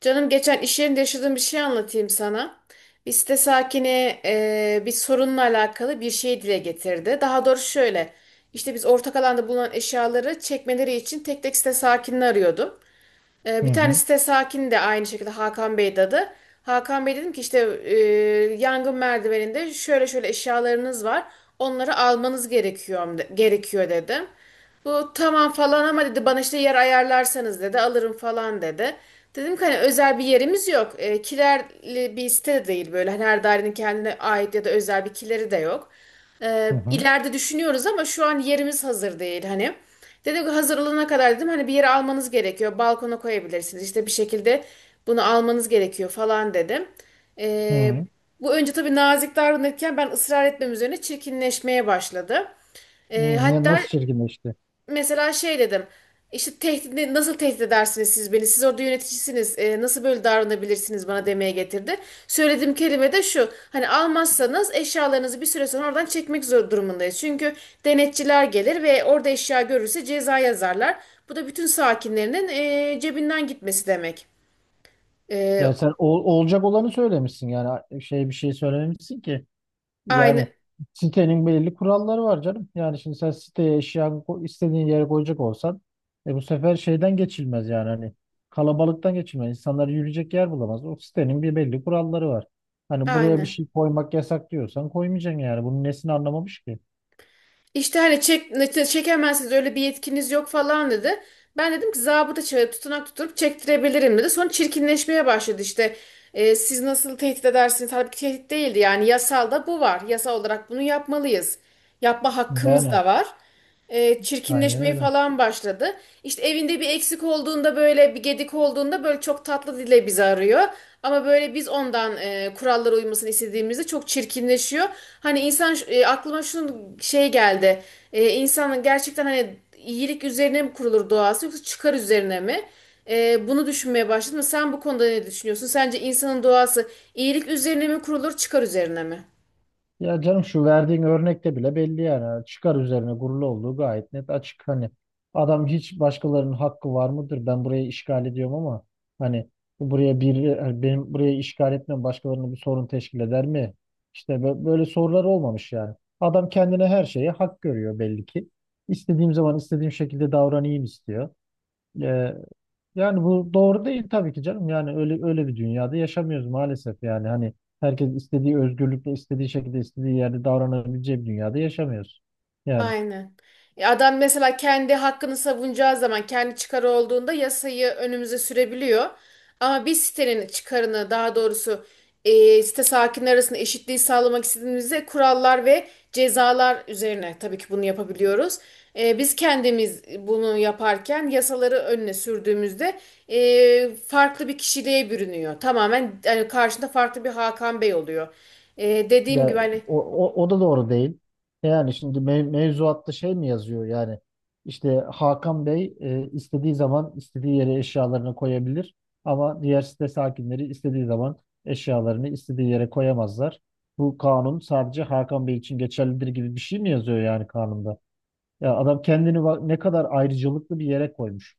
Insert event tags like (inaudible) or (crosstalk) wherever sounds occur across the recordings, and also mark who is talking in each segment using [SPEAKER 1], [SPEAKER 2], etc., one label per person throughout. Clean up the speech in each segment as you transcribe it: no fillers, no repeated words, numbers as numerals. [SPEAKER 1] Canım geçen iş yerinde yaşadığım bir şey anlatayım sana. Bir site sakini bir sorunla alakalı bir şey dile getirdi. Daha doğrusu şöyle. İşte biz ortak alanda bulunan eşyaları çekmeleri için tek tek site sakinini arıyordum.
[SPEAKER 2] Hı
[SPEAKER 1] Bir tane
[SPEAKER 2] hı,
[SPEAKER 1] site sakini de aynı şekilde Hakan Bey'di adı. Hakan Bey dedim ki işte yangın merdiveninde şöyle şöyle eşyalarınız var. Onları almanız gerekiyor dedim. Bu tamam falan ama dedi bana işte yer ayarlarsanız dedi alırım falan dedi. Dedim ki hani özel bir yerimiz yok. Kilerli bir site de değil böyle. Hani her dairenin kendine ait ya da özel bir kileri de yok.
[SPEAKER 2] hı hı,
[SPEAKER 1] İleride düşünüyoruz ama şu an yerimiz hazır değil hani. Dedi ki hazır olana kadar dedim hani bir yere almanız gerekiyor. Balkona koyabilirsiniz. İşte bir şekilde bunu almanız gerekiyor falan dedim.
[SPEAKER 2] hı
[SPEAKER 1] E,
[SPEAKER 2] hı.
[SPEAKER 1] Bu önce tabii nazik davranırken ben ısrar etmem üzerine çirkinleşmeye başladı. E,
[SPEAKER 2] Ne,
[SPEAKER 1] hatta
[SPEAKER 2] nasıl çirkinleşti?
[SPEAKER 1] Mesela şey dedim. İşte tehdit, nasıl tehdit edersiniz siz beni? Siz orada yöneticisiniz. Nasıl böyle davranabilirsiniz bana demeye getirdi. Söylediğim kelime de şu. Hani almazsanız eşyalarınızı bir süre sonra oradan çekmek zor durumundayız. Çünkü denetçiler gelir ve orada eşya görürse ceza yazarlar. Bu da bütün sakinlerinin cebinden gitmesi demek. E,
[SPEAKER 2] Yani sen olacak olanı söylemişsin yani bir şey söylememişsin ki. Yani
[SPEAKER 1] Aynı,
[SPEAKER 2] sitenin belirli kuralları var canım. Yani şimdi sen siteye eşyanı istediğin yere koyacak olsan bu sefer şeyden geçilmez yani hani kalabalıktan geçilmez. İnsanlar yürüyecek yer bulamaz. O sitenin bir belli kuralları var. Hani buraya bir
[SPEAKER 1] aynı.
[SPEAKER 2] şey koymak yasak diyorsan koymayacaksın yani. Bunun nesini anlamamış ki?
[SPEAKER 1] İşte hani çekemezsiniz öyle bir yetkiniz yok falan dedi. Ben dedim ki zabıta çağırıp tutanak tutturup çektirebilirim dedi. Sonra çirkinleşmeye başladı işte. E, siz nasıl tehdit edersiniz? Halbuki tehdit değildi yani yasalda bu var. Yasal olarak bunu yapmalıyız. Yapma hakkımız
[SPEAKER 2] Yani
[SPEAKER 1] da var,
[SPEAKER 2] aynen
[SPEAKER 1] çirkinleşmeye
[SPEAKER 2] öyle.
[SPEAKER 1] falan başladı. İşte evinde bir eksik olduğunda böyle bir gedik olduğunda böyle çok tatlı dile bizi arıyor. Ama böyle biz ondan kurallara uymasını istediğimizde çok çirkinleşiyor. Hani insan, aklıma şunun şey geldi. İnsanın gerçekten hani iyilik üzerine mi kurulur doğası yoksa çıkar üzerine mi? Bunu düşünmeye başladım. Sen bu konuda ne düşünüyorsun? Sence insanın doğası iyilik üzerine mi kurulur, çıkar üzerine mi?
[SPEAKER 2] Ya canım şu verdiğin örnekte bile belli yani. Çıkar üzerine kurulu olduğu gayet net açık. Hani adam hiç başkalarının hakkı var mıdır? Ben burayı işgal ediyorum ama hani buraya bir hani benim buraya işgal etmem başkalarına bir sorun teşkil eder mi? İşte böyle sorular olmamış yani. Adam kendine her şeye hak görüyor belli ki. İstediğim zaman istediğim şekilde davranayım istiyor. Ee, Yani bu doğru değil tabii ki canım. Yani öyle öyle bir dünyada yaşamıyoruz maalesef. Yani hani herkes istediği özgürlükle istediği şekilde istediği yerde davranabileceği bir dünyada yaşamıyoruz. Yani
[SPEAKER 1] Aynen. Adam mesela kendi hakkını savunacağı zaman kendi çıkarı olduğunda yasayı önümüze sürebiliyor. Ama biz sitenin çıkarını daha doğrusu site sakinleri arasında eşitliği sağlamak istediğimizde kurallar ve cezalar üzerine tabii ki bunu yapabiliyoruz. Biz kendimiz bunu yaparken yasaları önüne sürdüğümüzde farklı bir kişiliğe bürünüyor. Tamamen yani karşında farklı bir Hakan Bey oluyor. E, dediğim gibi
[SPEAKER 2] ya
[SPEAKER 1] hani
[SPEAKER 2] o da doğru değil. E yani şimdi mevzuatta şey mi yazıyor yani işte Hakan Bey istediği zaman istediği yere eşyalarını koyabilir ama diğer site sakinleri istediği zaman eşyalarını istediği yere koyamazlar. Bu kanun sadece Hakan Bey için geçerlidir gibi bir şey mi yazıyor yani kanunda? Ya adam kendini bak ne kadar ayrıcalıklı bir yere koymuş.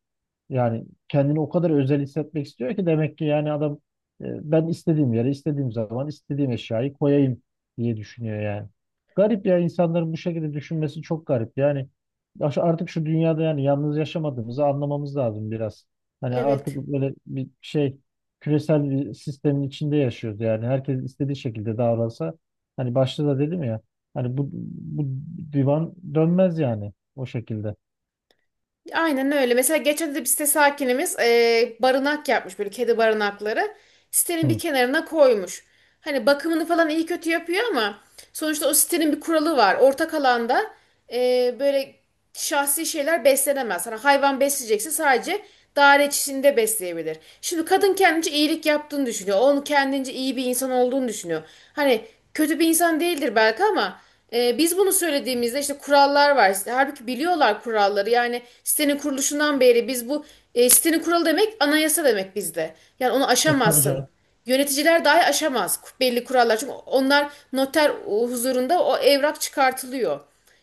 [SPEAKER 2] Yani kendini o kadar özel hissetmek istiyor ki demek ki yani adam e, ben istediğim yere, istediğim zaman, istediğim eşyayı koyayım diye düşünüyor yani. Garip ya insanların bu şekilde düşünmesi çok garip. Yani ya artık şu dünyada yani yalnız yaşamadığımızı anlamamız lazım biraz. Hani artık
[SPEAKER 1] evet.
[SPEAKER 2] böyle bir şey küresel bir sistemin içinde yaşıyoruz yani. Herkes istediği şekilde davransa hani başta da dedim ya hani bu divan dönmez yani. O şekilde.
[SPEAKER 1] Aynen öyle. Mesela geçen de bir site sakinimiz barınak yapmış böyle kedi barınakları. Sitenin bir
[SPEAKER 2] Hı.
[SPEAKER 1] kenarına koymuş. Hani bakımını falan iyi kötü yapıyor ama sonuçta o sitenin bir kuralı var. Ortak alanda böyle şahsi şeyler beslenemez. Hani hayvan besleyecekse sadece daire içinde besleyebilir. Şimdi kadın kendince iyilik yaptığını düşünüyor. Onun kendince iyi bir insan olduğunu düşünüyor. Hani kötü bir insan değildir belki ama biz bunu söylediğimizde işte kurallar var. Halbuki biliyorlar kuralları. Yani sitenin kuruluşundan beri biz bu sitenin kuralı demek anayasa demek bizde. Yani onu
[SPEAKER 2] E, tabii
[SPEAKER 1] aşamazsın.
[SPEAKER 2] canım.
[SPEAKER 1] Yöneticiler dahi aşamaz belli kurallar. Çünkü onlar noter huzurunda o evrak çıkartılıyor.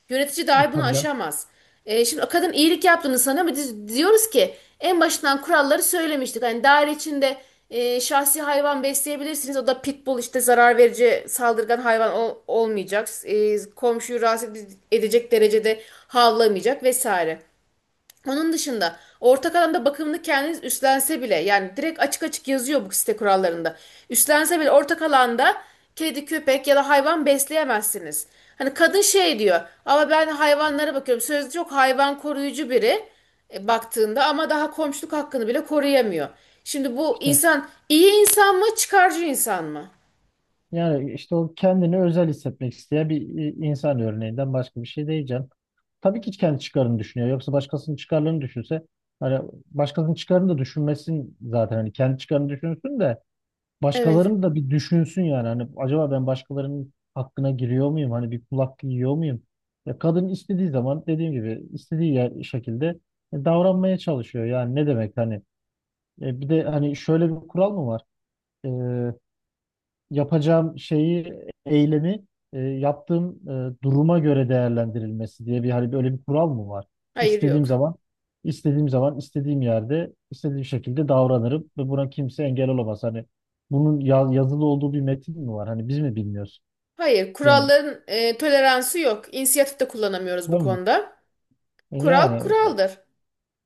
[SPEAKER 1] Yönetici
[SPEAKER 2] E,
[SPEAKER 1] dahi bunu
[SPEAKER 2] tabii canım.
[SPEAKER 1] aşamaz. Şimdi o kadın iyilik yaptığını sana mı? Biz diyoruz ki en başından kuralları söylemiştik. Hani daire içinde şahsi hayvan besleyebilirsiniz. O da pitbull işte zarar verici saldırgan hayvan olmayacak. E, komşuyu rahatsız edecek derecede havlamayacak vesaire. Onun dışında ortak alanda bakımını kendiniz üstlense bile yani direkt açık açık yazıyor bu site kurallarında. Üstlense bile ortak alanda kedi, köpek ya da hayvan besleyemezsiniz. Hani kadın şey diyor ama ben hayvanlara bakıyorum. Sözde çok hayvan koruyucu biri, baktığında ama daha komşuluk hakkını bile koruyamıyor. Şimdi bu
[SPEAKER 2] İşte
[SPEAKER 1] insan iyi insan mı çıkarcı insan mı?
[SPEAKER 2] yani işte o kendini özel hissetmek isteyen bir insan örneğinden başka bir şey değil canım. Tabii ki kendi çıkarını düşünüyor. Yoksa başkasının çıkarlarını düşünse hani başkasının çıkarını da düşünmesin zaten. Hani kendi çıkarını düşünsün de
[SPEAKER 1] Evet.
[SPEAKER 2] başkalarını da bir düşünsün yani. Hani acaba ben başkalarının hakkına giriyor muyum? Hani bir kulak yiyor muyum? Ya kadın istediği zaman dediğim gibi istediği yer, şekilde davranmaya çalışıyor. Yani ne demek hani. E, bir de hani şöyle bir kural mı var? e, Yapacağım şeyi, eylemi yaptığım duruma göre değerlendirilmesi diye bir hani böyle bir kural mı var?
[SPEAKER 1] Hayır
[SPEAKER 2] İstediğim
[SPEAKER 1] yok.
[SPEAKER 2] zaman, istediğim zaman, istediğim yerde, istediğim şekilde davranırım ve buna kimse engel olamaz. Hani bunun yazılı olduğu bir metin mi var? Hani biz mi bilmiyoruz?
[SPEAKER 1] Hayır
[SPEAKER 2] Yani
[SPEAKER 1] kuralların toleransı yok. İnisiyatif de kullanamıyoruz bu
[SPEAKER 2] değil mi?
[SPEAKER 1] konuda.
[SPEAKER 2] E,
[SPEAKER 1] Kural
[SPEAKER 2] yani
[SPEAKER 1] kuraldır.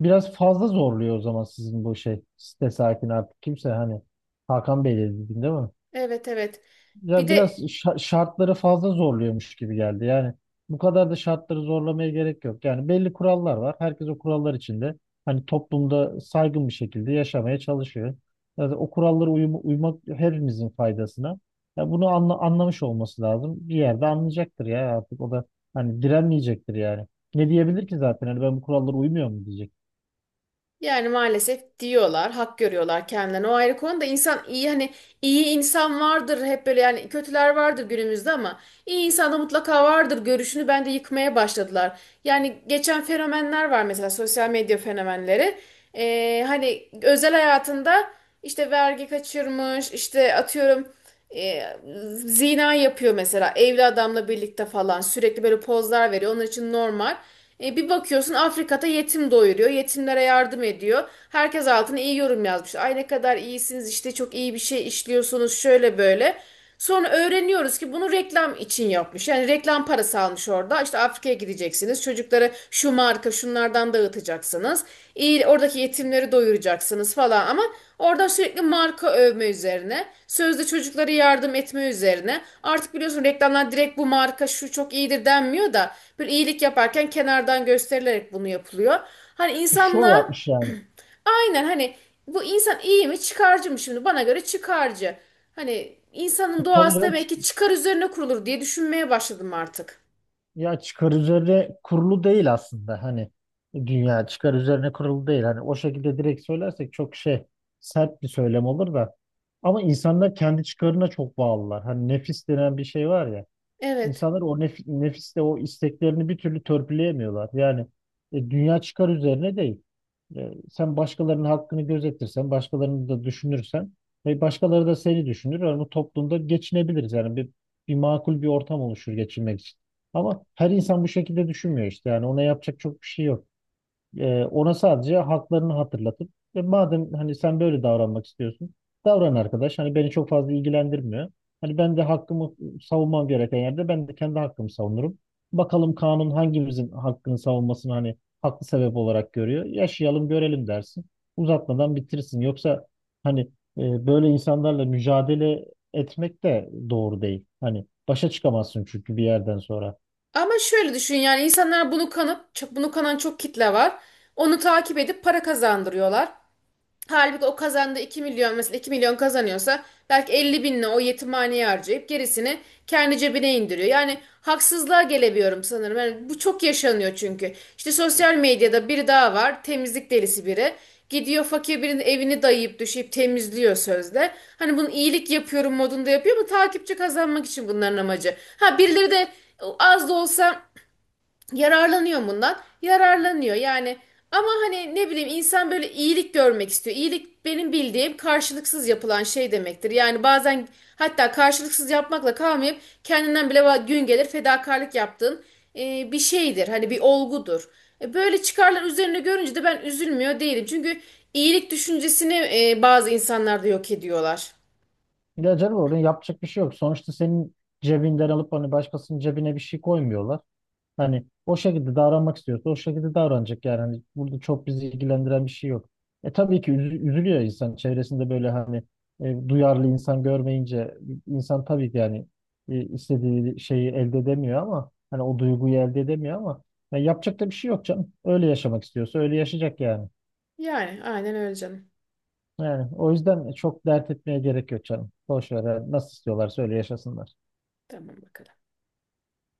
[SPEAKER 2] biraz fazla zorluyor o zaman sizin bu şey site sakin artık kimse hani Hakan Bey dedi değil mi?
[SPEAKER 1] Evet, evet. Bir
[SPEAKER 2] Ya biraz
[SPEAKER 1] de
[SPEAKER 2] şartları fazla zorluyormuş gibi geldi. Yani bu kadar da şartları zorlamaya gerek yok. Yani belli kurallar var. Herkes o kurallar içinde hani toplumda saygın bir şekilde yaşamaya çalışıyor. Yani o kurallara uymak hepimizin faydasına. Ya bunu anla anlamış olması lazım. Bir yerde anlayacaktır ya artık o da hani direnmeyecektir yani. Ne diyebilir ki zaten? Hani ben bu kurallara uymuyor mu diyecek.
[SPEAKER 1] yani maalesef diyorlar, hak görüyorlar kendilerini. O ayrı konu da insan iyi hani iyi insan vardır hep böyle yani kötüler vardır günümüzde ama iyi insan da mutlaka vardır görüşünü bence yıkmaya başladılar. Yani geçen fenomenler var mesela sosyal medya fenomenleri. Hani özel hayatında işte vergi kaçırmış, işte atıyorum e, zina yapıyor mesela evli adamla birlikte falan sürekli böyle pozlar veriyor onun için normal. Bir bakıyorsun Afrika'da yetim doyuruyor, yetimlere yardım ediyor, herkes altına iyi yorum yazmış, ay ne kadar iyisiniz işte çok iyi bir şey işliyorsunuz şöyle böyle. Sonra öğreniyoruz ki bunu reklam için yapmış. Yani reklam parası almış orada. İşte Afrika'ya gideceksiniz. Çocuklara şu marka şunlardan dağıtacaksınız. İyi, oradaki yetimleri doyuracaksınız falan ama orada sürekli marka övme üzerine, sözde çocuklara yardım etme üzerine. Artık biliyorsun reklamlar direkt bu marka şu çok iyidir denmiyor da böyle iyilik yaparken kenardan gösterilerek bunu yapılıyor. Hani
[SPEAKER 2] E, şov
[SPEAKER 1] insanla
[SPEAKER 2] yapmış yani.
[SPEAKER 1] (clears throat) aynen hani bu insan iyi mi çıkarcı mı şimdi? Bana göre çıkarcı. Hani
[SPEAKER 2] E,
[SPEAKER 1] insanın
[SPEAKER 2] tabii
[SPEAKER 1] doğası
[SPEAKER 2] canım.
[SPEAKER 1] demek ki çıkar üzerine kurulur diye düşünmeye başladım artık.
[SPEAKER 2] Ya çıkar üzerine kurulu değil aslında hani dünya çıkar üzerine kurulu değil hani o şekilde direkt söylersek çok şey sert bir söylem olur da ama insanlar kendi çıkarına çok bağlılar hani nefis denen bir şey var ya.
[SPEAKER 1] Evet.
[SPEAKER 2] İnsanlar o nefiste o isteklerini bir türlü törpüleyemiyorlar. Yani dünya çıkar üzerine değil. E, sen başkalarının hakkını gözetirsen, başkalarını da düşünürsen ve başkaları da seni düşünür. Yani bu toplumda geçinebiliriz. Yani bir makul bir ortam oluşur geçinmek için. Ama her insan bu şekilde düşünmüyor işte. Yani ona yapacak çok bir şey yok. Ona sadece haklarını hatırlatıp "E, madem hani sen böyle davranmak istiyorsun davran arkadaş. Hani beni çok fazla ilgilendirmiyor. Hani ben de hakkımı savunmam gereken yerde ben de kendi hakkımı savunurum. Bakalım kanun hangimizin hakkını savunmasını hani haklı sebep olarak görüyor. Yaşayalım görelim dersin. Uzatmadan bitirsin. Yoksa hani böyle insanlarla mücadele etmek de doğru değil. Hani başa çıkamazsın çünkü bir yerden sonra.
[SPEAKER 1] Ama şöyle düşün yani insanlar bunu kanıp bunu kanan çok kitle var. Onu takip edip para kazandırıyorlar. Halbuki o kazandığı 2 milyon, mesela 2 milyon kazanıyorsa belki 50 binle o yetimhaneye harcayıp gerisini kendi cebine indiriyor. Yani haksızlığa gelebiliyorum sanırım. Yani bu çok yaşanıyor çünkü. İşte sosyal medyada biri daha var, temizlik delisi biri. Gidiyor fakir birinin evini dayayıp düşeyip temizliyor sözde. Hani bunu iyilik yapıyorum modunda yapıyor ama takipçi kazanmak için bunların amacı. Ha birileri de az da olsa yararlanıyor bundan. Yararlanıyor yani. Ama hani ne bileyim insan böyle iyilik görmek istiyor. İyilik benim bildiğim karşılıksız yapılan şey demektir. Yani bazen hatta karşılıksız yapmakla kalmayıp kendinden bile gün gelir fedakarlık yaptığın bir şeydir. Hani bir olgudur. E, böyle çıkarlar üzerine görünce de ben üzülmüyor değilim. Çünkü iyilik düşüncesini bazı insanlar da yok ediyorlar.
[SPEAKER 2] Ya canım orada yapacak bir şey yok. Sonuçta senin cebinden alıp hani başkasının cebine bir şey koymuyorlar. Hani o şekilde davranmak istiyorsa o şekilde davranacak yani. Hani burada çok bizi ilgilendiren bir şey yok. E tabii ki üzülüyor insan çevresinde böyle hani duyarlı insan görmeyince insan tabii ki yani istediği şeyi elde edemiyor ama hani o duyguyu elde edemiyor ama ya yapacak da bir şey yok canım. Öyle yaşamak istiyorsa öyle yaşayacak yani.
[SPEAKER 1] Yani aynen öyle canım.
[SPEAKER 2] Yani o yüzden çok dert etmeye gerek yok canım. Boş ver. Yani nasıl istiyorlarsa öyle yaşasınlar.
[SPEAKER 1] Tamam bakalım.